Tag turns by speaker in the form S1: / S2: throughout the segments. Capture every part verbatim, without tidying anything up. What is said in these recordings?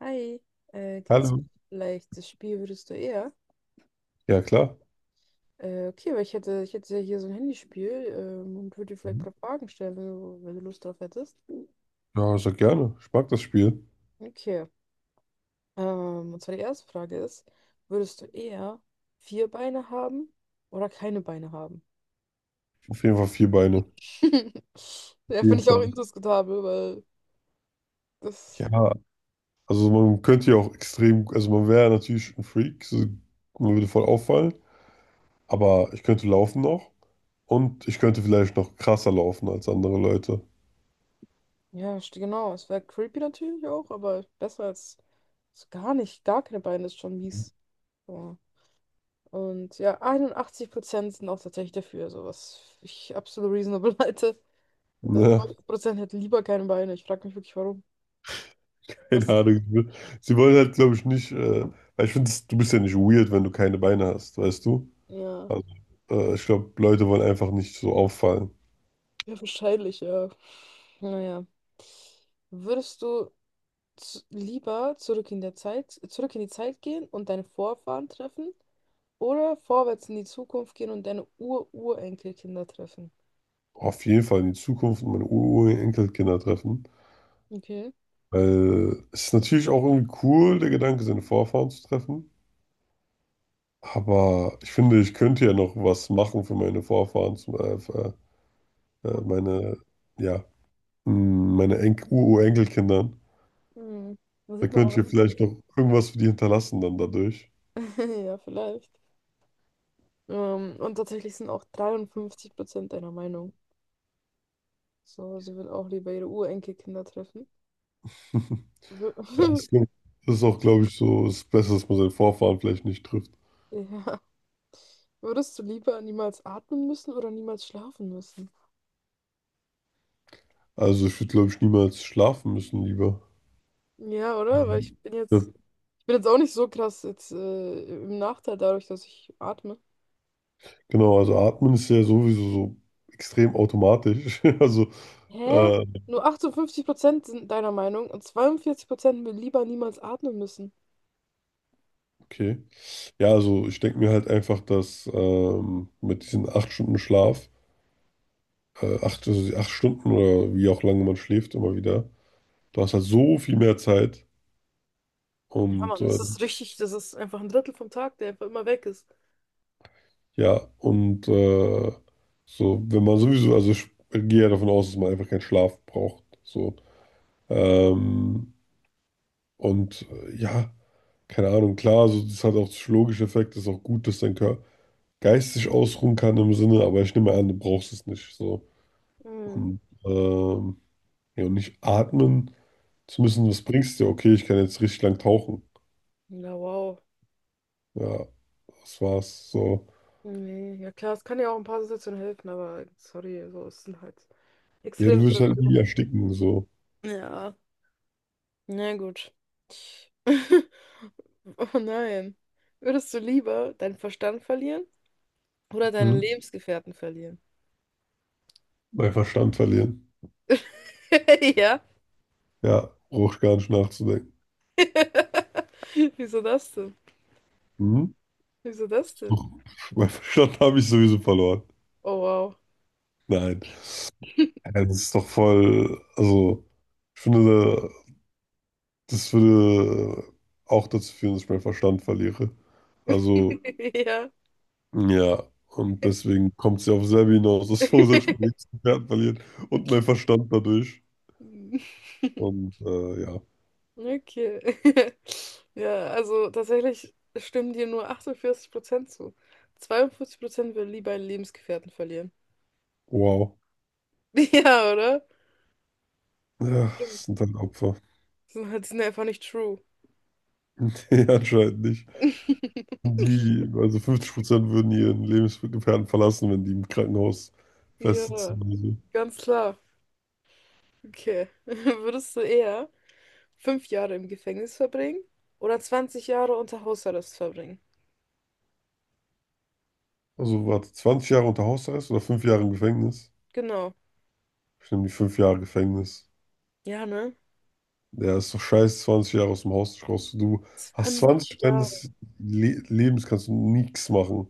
S1: Hi, äh, kennst du
S2: Hallo.
S1: vielleicht das Spiel Würdest du eher?
S2: Ja, klar.
S1: Äh, okay, weil ich hätte, ich hätte ja hier so ein Handyspiel ähm, und würde dir vielleicht
S2: Mhm.
S1: ein paar Fragen stellen, wenn du, wenn du Lust drauf hättest.
S2: Ja, sehr gerne. Ich mag das Spiel.
S1: Okay, ähm, und zwar die erste Frage ist, würdest du eher vier Beine haben oder keine Beine haben?
S2: Auf jeden Fall vier Beine. Auf
S1: Ja, finde
S2: jeden
S1: ich auch
S2: Fall.
S1: indiskutabel, weil das,
S2: Ja, also man könnte ja auch extrem, also man wäre natürlich ein Freak, so, man würde voll auffallen, aber ich könnte laufen noch und ich könnte vielleicht noch krasser laufen als andere Leute.
S1: ja, st- genau, es wäre creepy natürlich auch, aber besser als so gar nicht, gar keine Beine ist schon mies. So. Und ja, einundachtzig Prozent sind auch tatsächlich dafür, also was ich absolut reasonable halte. Äh,
S2: Ja,
S1: neunzig Prozent hätten lieber keine Beine. Ich frage mich wirklich, warum.
S2: keine
S1: Was?
S2: Ahnung. Sie wollen halt, glaube ich, nicht, äh, weil ich finde, du bist ja nicht weird, wenn du keine Beine hast, weißt du?
S1: Ja,
S2: Also, äh, ich glaube, Leute wollen einfach nicht so auffallen.
S1: ja, wahrscheinlich, ja. Naja. Würdest du z- lieber zurück in der Zeit, zurück in die Zeit gehen und deine Vorfahren treffen oder vorwärts in die Zukunft gehen und deine Ur-Urenkelkinder treffen?
S2: Auf jeden Fall in die Zukunft und meine Ur- Urenkelkinder treffen.
S1: Okay.
S2: Weil es ist natürlich auch irgendwie cool, der Gedanke, seine Vorfahren zu treffen. Aber ich finde, ich könnte ja noch was machen für meine Vorfahren, zum, äh, für, äh, äh, meine, ja, mh, meine En- Urenkelkindern.
S1: Mhm. Da
S2: Da
S1: sieht man
S2: könnte ich
S1: auch.
S2: ja vielleicht noch irgendwas für die hinterlassen dann dadurch.
S1: Ja, vielleicht. Ähm, und tatsächlich sind auch dreiundfünfzig Prozent deiner Meinung. So, sie will auch lieber ihre Urenkelkinder treffen. Wür-
S2: Ja, es ist das ist auch, glaube ich, so das Beste, dass man seinen Vorfahren vielleicht nicht trifft.
S1: Ja. Würdest du lieber niemals atmen müssen oder niemals schlafen müssen?
S2: Also ich würde, glaube ich, niemals schlafen müssen lieber.
S1: Ja, oder? Weil ich
S2: Ähm,
S1: bin
S2: Ja,
S1: jetzt, ich bin jetzt auch nicht so krass jetzt äh, im Nachteil dadurch, dass ich atme.
S2: genau, also atmen ist ja sowieso so extrem automatisch. Also
S1: Hä?
S2: äh,
S1: Nur achtundfünfzig Prozent sind deiner Meinung und zweiundvierzig Prozent will lieber niemals atmen müssen.
S2: okay. Ja, also ich denke mir halt einfach, dass ähm, mit diesen acht Stunden Schlaf, äh, acht, also die acht Stunden oder wie auch lange man schläft, immer wieder, du hast halt so viel mehr Zeit.
S1: Ja,
S2: Und
S1: Mann, das
S2: äh,
S1: ist richtig, das ist einfach ein Drittel vom Tag, der einfach immer weg ist.
S2: ja, und äh, so, wenn man sowieso, also ich gehe ja davon aus, dass man einfach keinen Schlaf braucht. So. Ähm, und äh, ja, keine Ahnung, klar, so, das hat auch psychologische Effekte, ist auch gut, dass dein Körper geistig ausruhen kann im Sinne, aber ich nehme an, du brauchst es nicht. So.
S1: Mhm.
S2: Und ähm, Ja, und nicht atmen zu müssen, was bringst dir? Okay, ich kann jetzt richtig lang tauchen.
S1: Ja, wow.
S2: Ja, das war's. So.
S1: Nee, ja klar, es kann ja auch ein paar Situationen helfen, aber sorry, so ist es halt
S2: Ja,
S1: extrem
S2: du wirst halt
S1: Situationen.
S2: nie ersticken, so.
S1: Ja, na gut. Oh nein. Würdest du lieber deinen Verstand verlieren oder deinen
S2: Mhm.
S1: Lebensgefährten verlieren?
S2: Mein Verstand verlieren.
S1: Ja.
S2: Ja, brauche ich gar nicht nachzudenken.
S1: Wieso das denn?
S2: Mhm.
S1: Wieso das denn?
S2: Doch, mein Verstand habe ich sowieso verloren.
S1: Oh wow.
S2: Nein. Ja, das ist doch voll. Also, ich finde, das würde auch dazu führen, dass ich meinen Verstand verliere. Also,
S1: Ja.
S2: ja, und deswegen kommt sie auf selbe hinaus, dass Fosage mein liebsten Pferd verliert und mein Verstand dadurch. Und äh, ja,
S1: Okay. Ja, also tatsächlich stimmen dir nur achtundvierzig Prozent zu. zweiundvierzig Prozent würden lieber einen Lebensgefährten verlieren.
S2: wow.
S1: Ja, oder?
S2: Ja,
S1: Stimmt.
S2: das sind halt Opfer.
S1: Das sind halt sind einfach nicht true.
S2: Die anscheinend nicht. Die, also fünfzig Prozent würden ihren Lebensgefährten verlassen, wenn die im Krankenhaus
S1: Ja,
S2: festsitzen oder so.
S1: ganz klar. Okay. Würdest du eher fünf Jahre im Gefängnis verbringen oder zwanzig Jahre unter Hausarrest verbringen?
S2: Also warte, zwanzig Jahre unter Hausarrest oder fünf Jahre im Gefängnis?
S1: Genau.
S2: Ich nehme die fünf Jahre Gefängnis.
S1: Ja, ne?
S2: Ja, ist doch scheiße, zwanzig Jahre aus dem Haus nicht raus. Du hast
S1: zwanzig
S2: zwanzig
S1: Jahre.
S2: deines Le Lebens, kannst du nichts machen.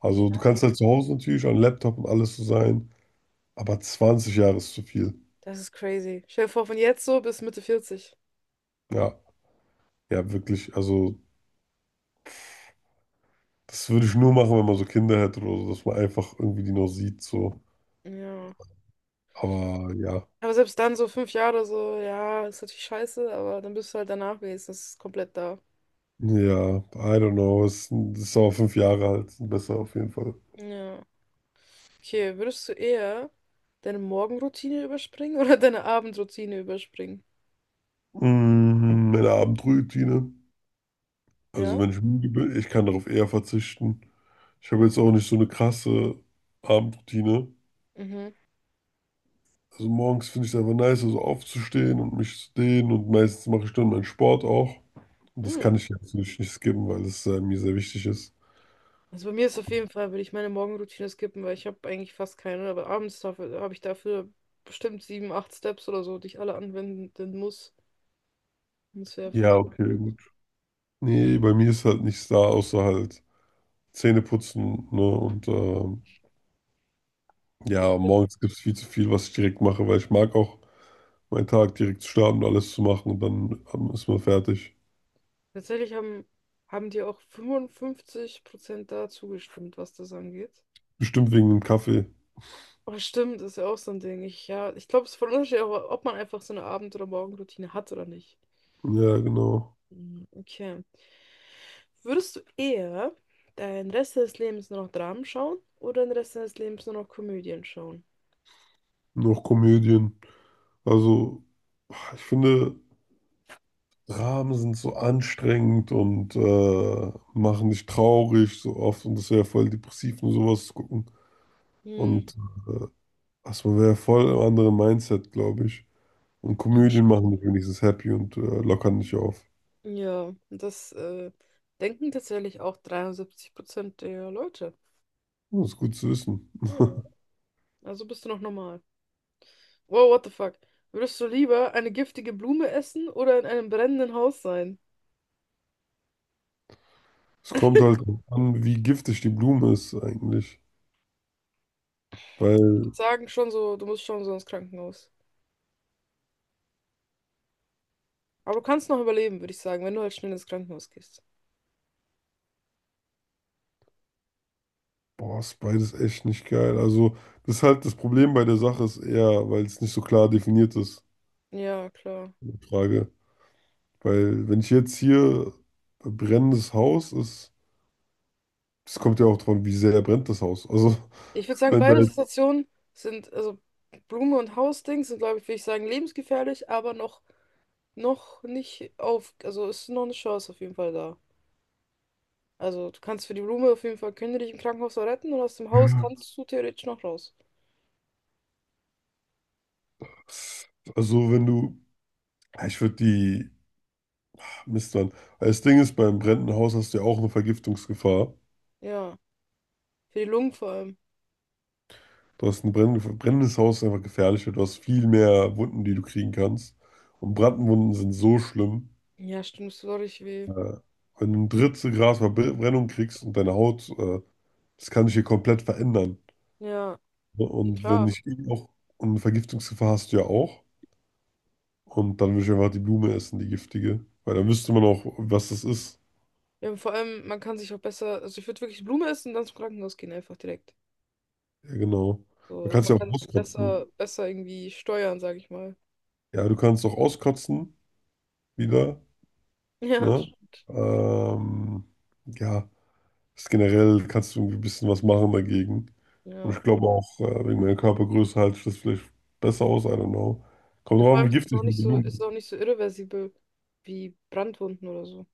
S2: Also du
S1: Ja,
S2: kannst halt zu Hause natürlich an Laptop und alles so sein, aber zwanzig Jahre ist zu viel.
S1: das ist crazy. Stell dir vor, von jetzt so bis Mitte vierzig.
S2: Ja, ja, wirklich. Also das würde ich nur machen, wenn man so Kinder hätte oder so, dass man einfach irgendwie die noch sieht, so.
S1: Ja.
S2: Aber ja,
S1: Aber selbst dann so fünf Jahre so, ja, ist natürlich scheiße, aber dann bist du halt danach wenigstens komplett da.
S2: ja, I don't know. Es sind- es ist aber fünf Jahre alt, sind besser auf jeden Fall.
S1: Ja. Okay, würdest du eher deine Morgenroutine überspringen oder deine Abendroutine überspringen?
S2: Mhm, meine Abendroutine. Also
S1: Ja?
S2: wenn ich müde bin, ich kann darauf eher verzichten. Ich habe jetzt auch nicht so eine krasse Abendroutine.
S1: Mhm.
S2: Also morgens finde ich es einfach nice, also aufzustehen und mich zu dehnen und meistens mache ich dann meinen Sport auch. Und das
S1: Hm.
S2: kann ich jetzt nicht nicht skippen, weil es äh, mir sehr wichtig ist.
S1: Also bei mir ist auf jeden Fall, würde ich meine Morgenroutine skippen, weil ich habe eigentlich fast keine, aber abends dafür habe ich dafür bestimmt sieben, acht Steps oder so, die ich alle anwenden muss. Und das wäre
S2: Ja,
S1: voll
S2: okay,
S1: blöd.
S2: gut. Nee, bei mir ist halt nichts da, außer halt Zähne putzen, ne? Und ähm,
S1: Ja,
S2: ja, morgens gibt es viel zu viel, was ich direkt mache, weil ich mag auch meinen Tag direkt zu starten und alles zu machen und dann ähm, ist man fertig.
S1: Tatsächlich haben, haben die auch fünfundfünfzig Prozent da zugestimmt, was das angeht.
S2: Bestimmt wegen dem Kaffee.
S1: Aber stimmt, ist ja auch so ein Ding. Ich, ja, ich glaube, es ist voll unterschiedlich, ob ob man einfach so eine Abend- oder Morgenroutine hat oder nicht.
S2: Ja, genau.
S1: Mhm. Okay. Würdest du eher den Rest des Lebens nur noch Dramen schauen oder den Rest des Lebens nur noch Komödien schauen?
S2: Noch Komödien. Also, ich finde. Dramen sind so anstrengend und äh, machen dich traurig so oft und das wäre voll depressiv und sowas zu gucken.
S1: Hm.
S2: Und also man wäre voll im anderen Mindset, glaube ich. Und
S1: Ja,
S2: Komödien
S1: bestimmt.
S2: machen dich wenigstens happy und äh, lockern dich auf.
S1: Ja, das äh, denken tatsächlich auch dreiundsiebzig Prozent der Leute.
S2: Das ist gut zu wissen.
S1: Ja, also bist du noch normal. Wow, what the fuck? Würdest du lieber eine giftige Blume essen oder in einem brennenden Haus sein?
S2: Es kommt halt drauf an, wie giftig die Blume ist eigentlich. Weil,
S1: Sagen schon so, du musst schon so ins Krankenhaus. Aber du kannst noch überleben, würde ich sagen, wenn du halt schnell ins Krankenhaus gehst.
S2: boah, ist beides echt nicht geil. Also, das ist halt das Problem bei der Sache ist eher, weil es nicht so klar definiert ist,
S1: Ja, klar.
S2: die Frage. Weil wenn ich jetzt hier brennendes Haus ist, das kommt ja auch davon wie sehr brennt das Haus. Also
S1: Ich würde sagen,
S2: wenn da
S1: beide
S2: jetzt,
S1: Situationen sind, also Blume und Hausdings sind, glaube ich, würde ich sagen, lebensgefährlich, aber noch, noch nicht auf, also ist noch eine Chance auf jeden Fall da. Also du kannst für die Blume auf jeden Fall, können die dich im Krankenhaus noch retten und aus dem Haus
S2: ja.
S1: kannst du theoretisch noch raus.
S2: Also wenn du, ja, ich würde die, Mist, Mann. Weil das Ding ist, beim brennenden Haus hast du ja auch eine Vergiftungsgefahr.
S1: Ja, für die Lungen vor allem.
S2: Du hast ein brenn- brennendes Haus ist einfach gefährlich, weil du hast viel mehr Wunden, die du kriegen kannst. Und Brandwunden sind so schlimm.
S1: Ja, stimmt, es tut auch richtig weh.
S2: Äh, Wenn du ein Drittel Grad Verbrennung kriegst und deine Haut, äh, das kann sich hier komplett verändern.
S1: Ja, ja,
S2: Und wenn
S1: klar.
S2: ich eh auch und Vergiftungsgefahr hast du ja auch. Und dann würde ich einfach die Blume essen, die giftige. Weil dann wüsste man auch, was das ist.
S1: Ja, und vor allem, man kann sich auch besser, also ich würde wirklich Blume essen und dann zum Krankenhaus gehen, einfach direkt.
S2: Ja, genau. Man
S1: So,
S2: kann es
S1: man
S2: ja auch
S1: kann es
S2: auskotzen.
S1: besser, besser irgendwie steuern, sage ich mal.
S2: Ja, du kannst auch auskotzen wieder.
S1: Ja,
S2: Ne?
S1: stimmt.
S2: Ähm, ja, ist generell kannst du irgendwie ein bisschen was machen dagegen. Und
S1: Ja.
S2: ich glaube auch, äh, wegen meiner Körpergröße halte ich das vielleicht besser aus. I don't know. Kommt
S1: Ja, vor
S2: drauf an,
S1: allem
S2: wie
S1: ist es
S2: giftig
S1: auch
S2: die
S1: nicht so,
S2: Blume
S1: ist es
S2: ist.
S1: auch nicht so irreversibel wie Brandwunden oder so.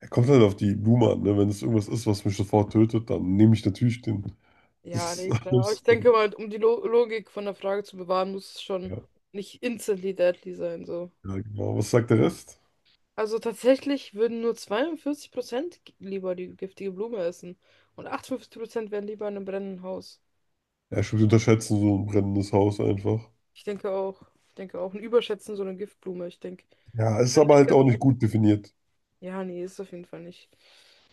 S2: Er kommt halt auf die Blume an. Ne? Wenn es irgendwas ist, was mich sofort tötet, dann nehme ich natürlich den.
S1: Ja,
S2: Das,
S1: nee, klar. Aber
S2: das,
S1: ich denke mal, um die Lo Logik von der Frage zu bewahren, muss es schon
S2: ja,
S1: nicht instantly deadly sein, so.
S2: ja, genau. Was sagt der Rest?
S1: Also tatsächlich würden nur zweiundvierzig Prozent lieber die giftige Blume essen und achtundfünfzig Prozent wären lieber in einem brennenden Haus.
S2: Ja, stimmt, die unterschätzen so ein brennendes Haus einfach.
S1: Ich denke auch, ich denke auch, ein Überschätzen so eine Giftblume. Ich denke,
S2: Ja,
S1: man
S2: ist
S1: kann
S2: aber
S1: echt
S2: halt
S1: ganz...
S2: auch nicht gut definiert.
S1: Ja, nee, ist auf jeden Fall nicht.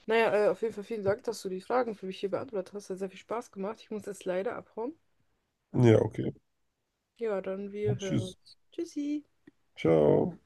S1: Naja, äh, auf jeden Fall vielen Dank, dass du die Fragen für mich hier beantwortet hast. Hat sehr viel Spaß gemacht. Ich muss jetzt leider abhauen.
S2: Ja, okay.
S1: Ja, dann wir hören
S2: Tschüss.
S1: uns. Tschüssi.
S2: Ciao.